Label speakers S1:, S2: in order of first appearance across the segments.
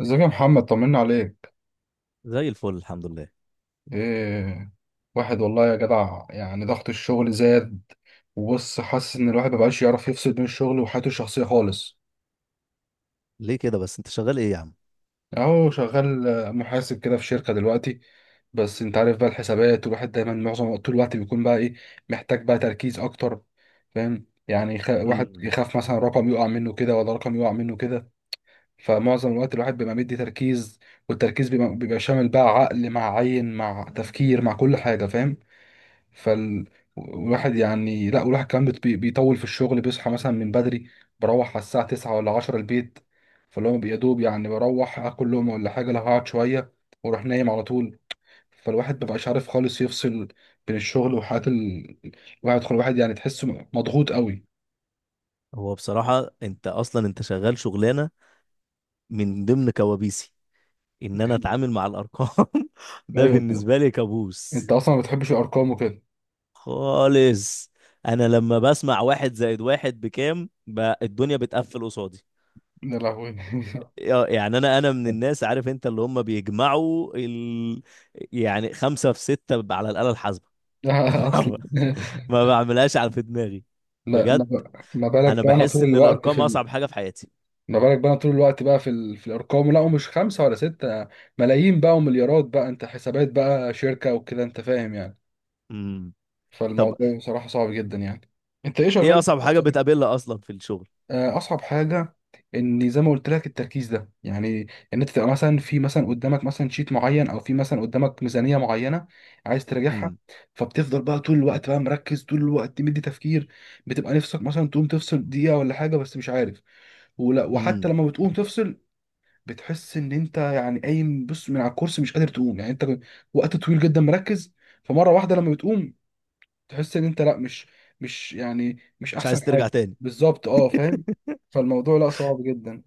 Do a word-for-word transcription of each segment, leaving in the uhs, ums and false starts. S1: ازيك يا محمد، طمنا عليك.
S2: زي الفل الحمد لله.
S1: ايه، واحد والله يا جدع، يعني ضغط الشغل زاد. وبص، حاسس ان الواحد مبقاش يعرف يفصل بين الشغل وحياته الشخصية خالص.
S2: ليه كده بس انت شغال ايه يا عم؟
S1: اهو شغال، آه، محاسب كده في شركة دلوقتي. بس انت عارف بقى الحسابات، والواحد دايما معظم طول الوقت بيكون بقى ايه، محتاج بقى تركيز اكتر. فاهم. يعني يخ... واحد
S2: امم.
S1: يخاف مثلا رقم يقع منه كده ولا رقم يقع منه كده. فمعظم الوقت الواحد بيبقى مدي تركيز. والتركيز بيبقى, بيبقى شامل بقى عقل مع عين مع تفكير مع كل حاجة، فاهم. فالواحد يعني لا، والواحد كمان بت- بي- بيطول في الشغل، بيصحى مثلا من بدري. بروح على الساعة تسعة ولا عشرة البيت. فاللي هو يا دوب يعني بروح اكل لقمة ولا حاجة لو هقعد شوية، واروح نايم على طول. فالواحد مبقاش عارف خالص يفصل بين الشغل وحياة ال... الواحد خل الواحد يعني تحسه مضغوط قوي.
S2: هو بصراحة انت اصلا انت شغال شغلانة من ضمن كوابيسي، ان انا اتعامل مع الارقام. ده
S1: ايوه، انت
S2: بالنسبة لي
S1: انت
S2: كابوس
S1: اصلا ما بتحبش الارقام وكده.
S2: خالص. انا لما بسمع واحد زائد واحد بكام، بقى الدنيا بتقفل قصادي.
S1: يا لهوي.
S2: يا- يعني انا انا من الناس، عارف انت، اللي هم بيجمعوا ال... يعني خمسة في ستة على الآلة الحاسبة.
S1: اصلا.
S2: ما بعملهاش على في دماغي،
S1: لا ما
S2: بجد.
S1: ما بالك
S2: انا
S1: بقى انا
S2: بحس
S1: طول
S2: ان
S1: الوقت
S2: الارقام
S1: في.
S2: اصعب حاجه في حياتي.
S1: ما بالك بقى طول الوقت بقى في ال... في الارقام، لا ومش خمسه ولا سته، ملايين بقى ومليارات بقى، انت حسابات بقى شركه وكده، انت فاهم يعني.
S2: امم. طب
S1: فالموضوع بصراحه صعب جدا يعني. انت ايه
S2: ايه
S1: شغال؟
S2: اصعب حاجه بتقابلها اصلا في الشغل؟
S1: آه، اصعب حاجه، ان زي ما قلت لك التركيز ده يعني، ان انت تبقى مثلا في مثلا قدامك مثلا شيت معين، او في مثلا قدامك ميزانيه معينه، عايز تراجعها.
S2: امم.
S1: فبتفضل بقى طول الوقت بقى مركز، طول الوقت مدي تفكير. بتبقى نفسك مثلا تقوم تفصل دقيقه ولا حاجه، بس مش عارف. ولا وحتى
S2: امم.
S1: لما بتقوم تفصل، بتحس ان انت يعني قايم، بص من على الكرسي مش قادر تقوم يعني، انت وقت طويل جدا مركز. فمره واحده لما بتقوم، تحس ان انت، لا، مش، مش يعني مش
S2: مش
S1: احسن
S2: عايز
S1: حاجه.
S2: ترجع تاني.
S1: بالظبط، اه فاهم. فالموضوع لا، صعب جدا.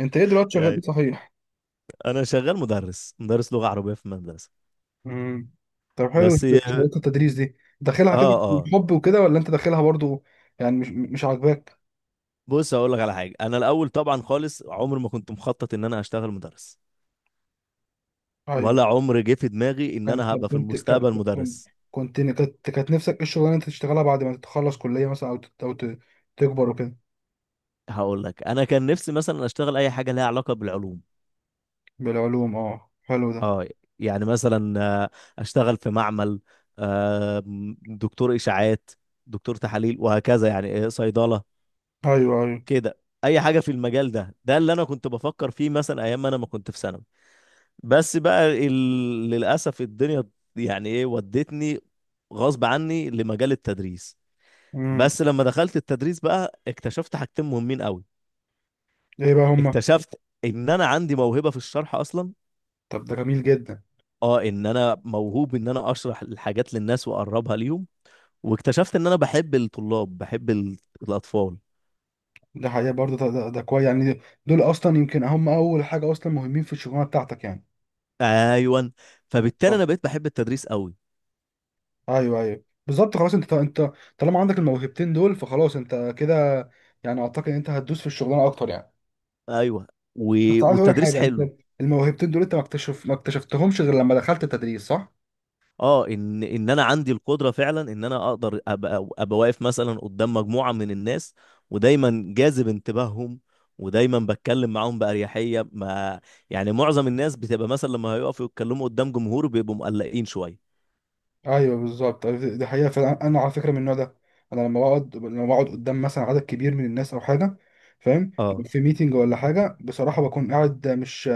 S1: انت ايه دلوقتي شغال ايه،
S2: يعني
S1: صحيح؟
S2: انا شغال مدرس، مدرس لغه عربيه في مدرسه.
S1: امم. طب حلو،
S2: بس
S1: إنت
S2: اه.
S1: شغلت التدريس دي، داخلها كده
S2: اه.
S1: حب وكده؟ ولا انت داخلها برضو؟ يعني مش مش عاجباك؟
S2: بص هقول لك على حاجه. انا الاول طبعا خالص عمري ما كنت مخطط ان انا هشتغل مدرس،
S1: ايوه.
S2: ولا عمر جه في دماغي ان
S1: كنت
S2: انا هبقى في
S1: كنت
S2: المستقبل
S1: كنت
S2: مدرس.
S1: كنت كانت كانت نفسك ايه الشغلانه اللي انت تشتغلها بعد ما تتخلص كليه مثلا، او تت- او ت- تكبر وكده.
S2: هقول لك، انا كان نفسي مثلا اشتغل اي حاجه لها علاقه بالعلوم.
S1: بالعلوم، اه حلو ده.
S2: اه. يعني مثلا آه، اشتغل في معمل، آه، دكتور اشاعات، دكتور تحاليل، وهكذا يعني. آه، صيدله
S1: ايوه، ايوه.
S2: كده. اي حاجه في المجال ده. ده اللي انا كنت بفكر فيه مثلا ايام ما انا ما كنت في ثانوي. بس بقى، ال... للاسف الدنيا يعني ايه ودتني غصب عني لمجال التدريس.
S1: امم.
S2: بس لما دخلت التدريس بقى اكتشفت حاجتين مهمين قوي.
S1: ايه بقى هما؟
S2: اكتشفت ان انا عندي موهبه في الشرح اصلا.
S1: طب ده جميل جدا.
S2: اه، ان انا موهوب، ان انا اشرح الحاجات للناس واقربها ليهم. واكتشفت ان انا بحب الطلاب، بحب ال- الاطفال.
S1: ده حقيقة برضه، ده, ده, ده كويس يعني. دول اصلا يمكن هم اول حاجة اصلا مهمين في الشغلانة بتاعتك يعني.
S2: ايوه، فبالتالي
S1: بالظبط.
S2: انا بقيت بحب التدريس قوي.
S1: ايوه، ايوه، بالظبط. خلاص انت انت طالما عندك الموهبتين دول، فخلاص انت كده، يعني اعتقد ان انت هتدوس في الشغلانة اكتر يعني.
S2: ايوه، و...
S1: بس عايز اقول لك
S2: والتدريس
S1: حاجة، انت
S2: حلو.
S1: الموهبتين دول انت ما اكتشف ما اكتشفتهمش غير لما دخلت التدريس، صح؟
S2: اه، ان ان انا عندي القدره فعلا ان انا اقدر ابقى ابقى واقف مثلا قدام مجموعه من الناس، ودايما جاذب انتباههم، ودايما بتكلم معاهم باريحيه ما. يعني معظم الناس بتبقى مثلا لما هيقفوا يتكلموا قدام جمهور بيبقوا مقلقين شويه.
S1: ايوه بالظبط. أيوة، دي حقيقه فعلا، انا على فكره من النوع ده. انا لما بقعد لما بقعد قدام مثلا عدد كبير من الناس او حاجه، فاهم.
S2: اه.
S1: في ميتنج ولا حاجه، بصراحه بكون قاعد، مش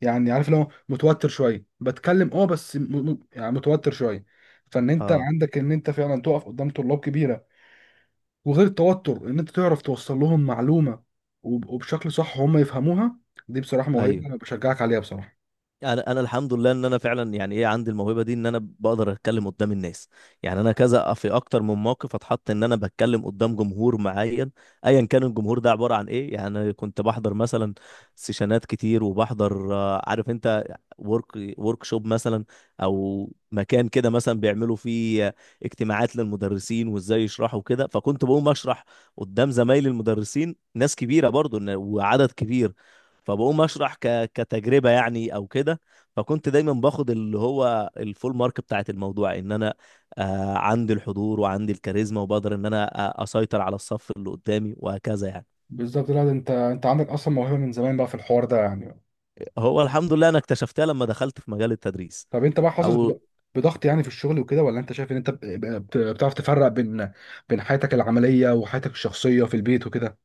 S1: يعني عارف، لو متوتر شويه بتكلم اه، بس م... م- يعني متوتر شويه. فان انت
S2: اه.
S1: عندك ان انت فعلا تقف قدام طلاب كبيره، وغير التوتر ان انت تعرف توصل لهم معلومه، وب- وبشكل صح هم يفهموها. دي بصراحه
S2: ايوه،
S1: موهبه، انا بشجعك عليها بصراحه.
S2: انا انا الحمد لله ان انا فعلا يعني ايه عندي الموهبه دي، ان انا بقدر اتكلم قدام الناس. يعني انا كذا في اكتر من موقف اتحط ان انا بتكلم قدام جمهور معين، ايا كان الجمهور ده عباره عن ايه. يعني أنا كنت بحضر مثلا سيشنات كتير، وبحضر آه، عارف انت، ورك ورك شوب مثلا، او مكان كده مثلا بيعملوا فيه آه، اجتماعات للمدرسين وازاي يشرحوا كده. فكنت بقوم اشرح قدام زمايلي المدرسين، ناس كبيره برضو، إن- وعدد كبير. فبقوم اشرح ك... كتجربه يعني، او كده. فكنت دايما باخد اللي هو الفول مارك بتاعت الموضوع، ان انا آه عندي الحضور وعندي الكاريزما، وبقدر ان انا أ- اسيطر على الصف اللي قدامي وهكذا يعني.
S1: بالظبط. لا ده انت انت عندك اصلا موهبه من زمان بقى في الحوار ده يعني.
S2: هو الحمد لله انا اكتشفتها لما دخلت في مجال التدريس.
S1: طب انت بقى حاسس
S2: او
S1: بض- بضغط يعني في الشغل وكده، ولا انت شايف ان انت ب- ب- بتعرف تفرق بين بين حياتك العمليه وحياتك الشخصيه في البيت وكده؟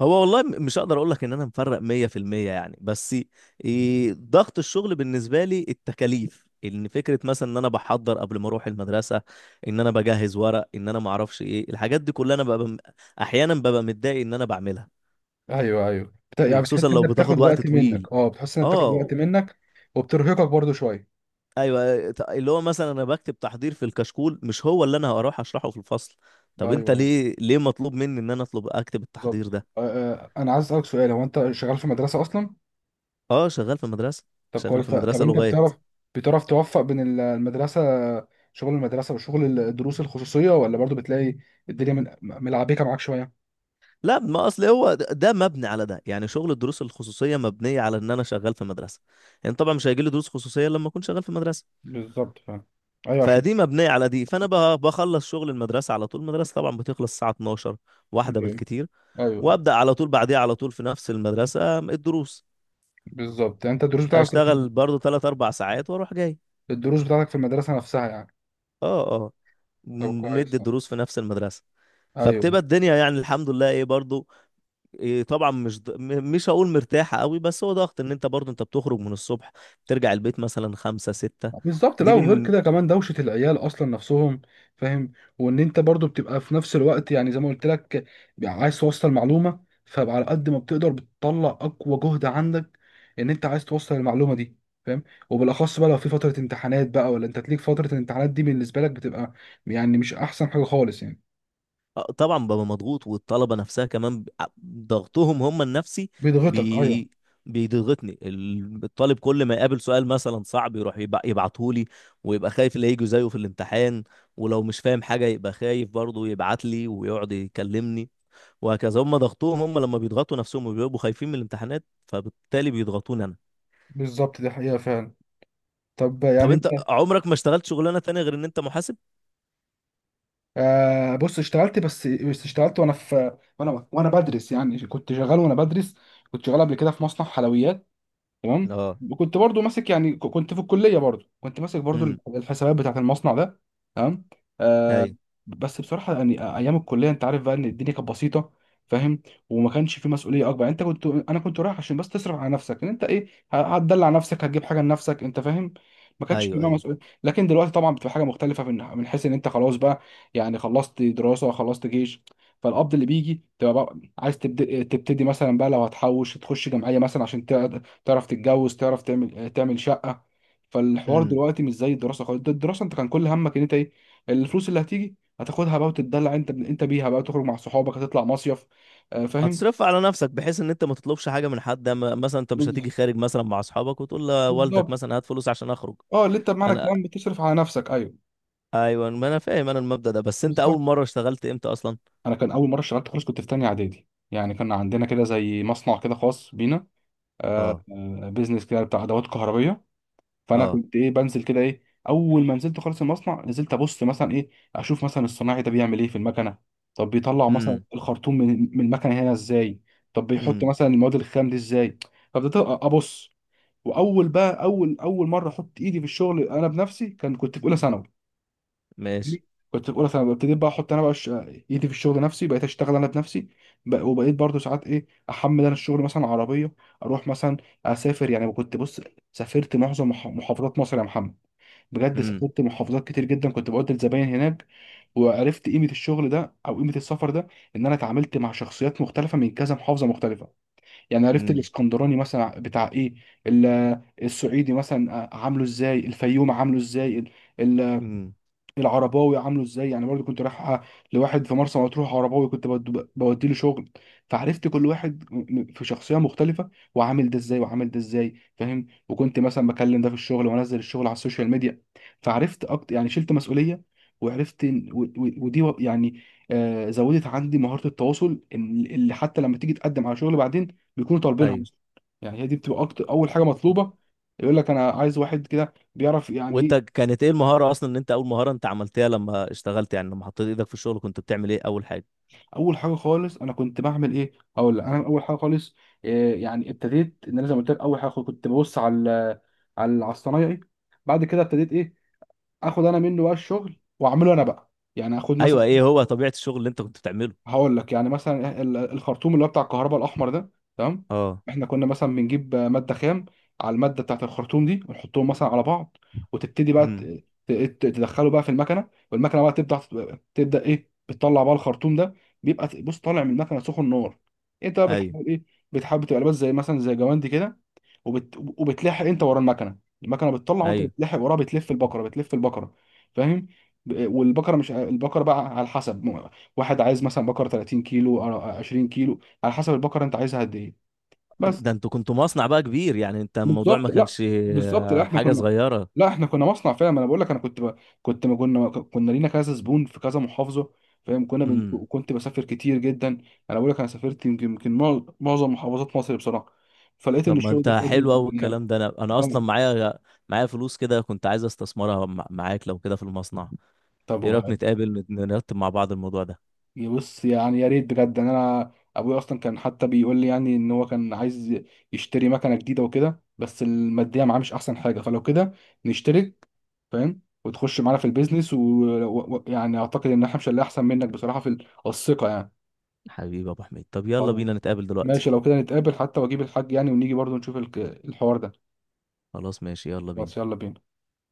S2: هو والله، م- مش هقدر اقول لك ان انا مفرق مية في المية يعني، بس إيه ضغط الشغل بالنسبه لي التكاليف، ان فكره مثلا ان انا بحضر قبل ما اروح المدرسه، ان انا بجهز ورق، ان انا ما اعرفش ايه الحاجات دي كلها. انا ببقى م- احيانا ببقى متضايق ان انا بعملها،
S1: ايوه، ايوه، بت- يعني
S2: وخصوصا
S1: بتحس
S2: لو
S1: انك
S2: بتاخد
S1: بتاخد
S2: وقت
S1: وقت
S2: طويل.
S1: منك، اه بتحس انك بتاخد وقت
S2: اه.
S1: منك، وبترهقك برضو شويه.
S2: ايوه، ت- اللي هو مثلا انا بكتب تحضير في الكشكول مش هو اللي انا هروح اشرحه في الفصل.
S1: ايوه،
S2: طب انت
S1: ايوه،
S2: ليه ليه مطلوب مني ان انا اطلب اكتب
S1: بالظبط.
S2: التحضير ده؟
S1: آه، آه، انا عايز اسالك سؤال، هو انت شغال في مدرسه اصلا؟
S2: اه، شغال في مدرسه،
S1: طب
S2: شغال
S1: كويس،
S2: في
S1: طب
S2: مدرسه
S1: انت
S2: لغات.
S1: بتعرف بتعرف توفق بين ال- المدرسه، شغل المدرسه وشغل ال- الدروس الخصوصيه، ولا برضو بتلاقي الدنيا من- ملعبكه معاك شويه؟
S2: لا، ما اصل هو د- ده مبني على ده. يعني شغل الدروس الخصوصيه مبنيه على ان انا شغال في مدرسه. يعني طبعا مش هيجي لي دروس خصوصيه لما اكون شغال في مدرسه.
S1: بالظبط فعلا. ايوه.
S2: فدي مبنيه على دي. فانا ب- بخلص شغل المدرسه على طول. المدرسه طبعا بتخلص الساعه اتناشر، واحده
S1: عشان.
S2: بالكتير،
S1: ايوه،
S2: وابدا على طول بعديها على طول في نفس المدرسه الدروس.
S1: بالظبط. يعني انت الدروس بتاعتك في
S2: اشتغل برضو تلاته اربع ساعات واروح جاي.
S1: الدروس بتاعتك في المدرسه نفسها يعني.
S2: اه. اه.
S1: طب
S2: م-
S1: كويس.
S2: ندي
S1: ايوه،
S2: الدروس في نفس المدرسه.
S1: أيوة.
S2: فبتبقى الدنيا يعني الحمد لله ايه برضو، إيه. طبعا مش ض- م- مش هقول مرتاحة قوي، بس هو ضغط ان انت برضو انت بتخرج من الصبح، ترجع البيت مثلا خمسة ستة.
S1: بالظبط. لا،
S2: دي
S1: وغير
S2: بن...
S1: كده كمان دوشه العيال اصلا نفسهم، فاهم. وان انت برضو بتبقى في نفس الوقت، يعني زي ما قلت لك عايز توصل معلومه، فبقى على قد ما بتقدر بتطلع اقوى جهد عندك، ان انت عايز توصل المعلومه دي، فاهم. وبالاخص بقى لو في فتره امتحانات بقى، ولا انت تليك فتره الامتحانات دي بالنسبه لك بتبقى يعني مش احسن حاجه خالص يعني.
S2: آه، طبعا ببقى مضغوط، والطلبة نفسها كمان ب- ع- ضغطهم هم النفسي
S1: بيضغطك، ايوه.
S2: بي... بيضغطني ال- الطالب. كل ما يقابل سؤال مثلا صعب يروح يبع... يبعتهولي، ويبقى خايف اللي هيجي زيه في الامتحان. ولو مش فاهم حاجة يبقى خايف برضه يبعت لي ويقعد يكلمني، وهكذا. هم ضغطوهم هم لما بيضغطوا نفسهم وبيبقوا خايفين من الامتحانات، فبالتالي بيضغطوني انا.
S1: بالظبط، دي حقيقه فعلا. طب
S2: طب
S1: يعني
S2: انت
S1: انت،
S2: عمرك ما اشتغلت شغلانه تانية غير ان انت محاسب؟
S1: آه بص اشتغلت، بس بس اشتغلت وانا في وانا وانا بدرس، يعني كنت شغال وانا بدرس. كنت شغال قبل كده في مصنع حلويات. تمام.
S2: اه.
S1: وكنت برضو ماسك، يعني ك- كنت في الكليه، برضو كنت ماسك برضو
S2: امم.
S1: الحسابات بتاعت المصنع ده. تمام. آه.
S2: ايوه.
S1: بس بصراحه يعني ايام الكليه، انت عارف بقى ان الدنيا كانت بسيطه، فاهم. وما كانش في مسؤوليه اكبر، يعني انت كنت انا كنت رايح عشان بس تصرف على نفسك، ان انت ايه، ه- هتدلع نفسك، هتجيب حاجه لنفسك، انت فاهم. ما كانش في
S2: ايوه.
S1: بقى
S2: ايوه.
S1: مسؤوليه. لكن دلوقتي طبعا بتبقى حاجه مختلفه، من من حيث ان انت خلاص بقى، يعني خلصت دراسه، خلصت جيش. فالقبض اللي بيجي تبقى بقى عايز تبدأ تبتدي مثلا بقى، لو هتحوش تخش جمعيه مثلا عشان تعرف تتجوز، تعرف تعمل آه، تعمل شقة. فالحوار
S2: امم.
S1: دلوقتي مش زي الدراسة خالص، ده الدراسة انت كان كل همك ان انت ايه، الفلوس اللي هتيجي هتاخدها بقى وتتدلع انت انت بيها بقى، تخرج مع صحابك، هتطلع مصيف. آه، فاهم.
S2: هتصرف على نفسك بحيث ان انت ما تطلبش حاجه من حد، أما- مثلا انت مش
S1: بال-
S2: هتيجي خارج مثلا مع اصحابك وتقول لوالدك
S1: بالظبط.
S2: مثلا هات فلوس عشان اخرج.
S1: اه، اللي انت بمعنى
S2: انا،
S1: الكلام بتصرف على نفسك، ايوه.
S2: ايوه، ما انا فاهم انا المبدأ ده. بس انت
S1: بالظبط.
S2: اول مره اشتغلت امتى اصلا؟
S1: انا كان اول مرة اشتغلت خالص كنت في تانية اعدادي، يعني كان عندنا كده زي مصنع كده خاص بينا، آه،
S2: اه.
S1: بيزنس كده بتاع ادوات كهربية. فانا
S2: اه.
S1: كنت ايه بنزل كده ايه، اول ما نزلت خالص المصنع نزلت ابص مثلا ايه، اشوف مثلا الصناعي ده بيعمل ايه في المكنه. طب بيطلع مثلا
S2: امم.
S1: الخرطوم من من المكنه هنا ازاي؟ طب بيحط
S2: امم.
S1: مثلا المواد الخام دي ازاي؟ فبدأت أ- ابص. واول بقى اول اول مره احط ايدي في الشغل انا بنفسي، كان كنت في اولى ثانوي
S2: ماشي.
S1: كنت في اولى ثانوي ابتديت بقى احط انا بقى ش- ايدي في الشغل، نفسي بقيت اشتغل انا بنفسي. بق- وبقيت برضو ساعات ايه احمل انا الشغل مثلا عربيه، اروح مثلا اسافر. يعني كنت بص، سافرت معظم مح- محافظات مصر يا محمد. بجد
S2: امم.
S1: سافرت محافظات كتير جدا، كنت بقعد الزباين هناك. وعرفت قيمه الشغل ده، او قيمه السفر ده، ان انا اتعاملت مع شخصيات مختلفه من كذا محافظه مختلفه. يعني عرفت
S2: امم.
S1: الاسكندراني مثلا بتاع ايه، ال- السعيدي مثلا آه، عامله ازاي، الفيوم عامله ازاي،
S2: امم.
S1: العرباوي عامله ازاي. يعني برضو كنت رايح لواحد في مرسى مطروح عرباوي، كنت بودي له شغل. فعرفت كل واحد م- م- في شخصيه مختلفه، وعامل ده ازاي وعامل ده ازاي، فاهم. وكنت مثلا بكلم ده في الشغل وانزل الشغل على السوشيال ميديا. فعرفت اكتر، يعني شلت مسؤوليه، وعرفت إن- و- و- ودي و- يعني، آه، زودت عندي مهاره التواصل، إن- اللي حتى لما تيجي تقدم على شغل بعدين بيكونوا طالبينها
S2: ايوه،
S1: أصلاً. يعني هي دي بتبقى اكتر اول حاجه
S2: و-
S1: مطلوبه، يقول لك انا عايز واحد كده بيعرف يعني
S2: وانت
S1: إيه.
S2: كانت ايه المهاره اصلا ان انت اول مهاره انت عملتها لما اشتغلت؟ يعني لما حطيت ايدك في الشغل كنت بتعمل ايه اول حاجه؟
S1: اول حاجه خالص انا كنت بعمل ايه، اقول لك، انا اول حاجه خالص إيه، يعني ابتديت ان انا زي ما قلت لك اول حاجه كنت ببص على، على على الصنايعي. بعد كده ابتديت ايه؟ اخد انا منه بقى الشغل واعمله انا بقى، يعني اخد مثلا،
S2: ايوه، ايه هو طبيعة الشغل اللي انت كنت بتعمله؟
S1: هقول لك يعني مثلا ال- الخرطوم اللي هو بتاع الكهرباء الاحمر ده. تمام.
S2: اه.
S1: احنا كنا مثلا بنجيب ماده خام، على الماده بتاعت الخرطوم دي ونحطهم مثلا على بعض، وتبتدي بقى ت-
S2: امم.
S1: ت- ت- تدخله بقى في المكنه، والمكنه بقى تبدا، تبدا ايه بتطلع بقى الخرطوم ده، بيبقى ت- بص طالع من المكنه سخن نار. انت بقى
S2: ايوه.
S1: بتحاول ايه؟ بتحاول تبقى لابس زي مثلا زي جواندي كده، وبت... وبتلاحق انت ورا المكنه. المكنه بتطلع وانت
S2: ايوه.
S1: بتلاحق وراها، بتلف البقره بتلف البقره فاهم. ب- والبقره، مش البقره بقى على حسب م- واحد عايز مثلا بقره ثلاثين كيلو أو عشرين كيلو، على حسب البقره انت عايزها قد ايه. بس.
S2: ده انتوا كنتوا مصنع بقى كبير، يعني انت الموضوع ما
S1: بالظبط. لا،
S2: كانش
S1: بالظبط. لا
S2: آه،
S1: احنا
S2: حاجة
S1: كنا،
S2: صغيرة.
S1: لا احنا كنا مصنع فعلا، ما انا بقول لك، انا كنت ب... كنت ما كنا كنا لينا كذا زبون في كذا محافظه، فاهم. كنا بن...
S2: امم.
S1: كنت بسافر كتير جدا. انا بقول لك، انا سافرت يمكن يمكن معظم محافظات مصر بصراحه. فلقيت ان
S2: طب ما
S1: الشغل
S2: انت
S1: ده فادني
S2: حلو
S1: جداً
S2: قوي
S1: يعني.
S2: الكلام ده. انا انا اصلا
S1: آه.
S2: معايا معايا فلوس كده كنت عايز استثمرها مع- معاك لو كده في المصنع.
S1: طب
S2: ايه رأيك نتقابل، نت- نرتب مع بعض الموضوع ده؟
S1: بص، يعني يا ريت بجد، ان انا ابويا اصلا كان حتى بيقول لي يعني ان هو كان عايز يشتري مكنه جديده وكده، بس الماديه معاه مش احسن حاجه، فلو كده نشترك، فاهم، وتخش معانا في البيزنس، ويعني اعتقد ان احنا مش اللي احسن منك بصراحه في ال- الثقه يعني.
S2: حبيبي يا ابو حميد، طب يلا بينا
S1: خلاص
S2: نتقابل دلوقتي.
S1: ماشي، لو كده نتقابل حتى واجيب الحاج يعني، ونيجي برضه نشوف الك- الحوار ده.
S2: خلاص، ماشي، يلا
S1: بس
S2: بينا.
S1: يلا بينا.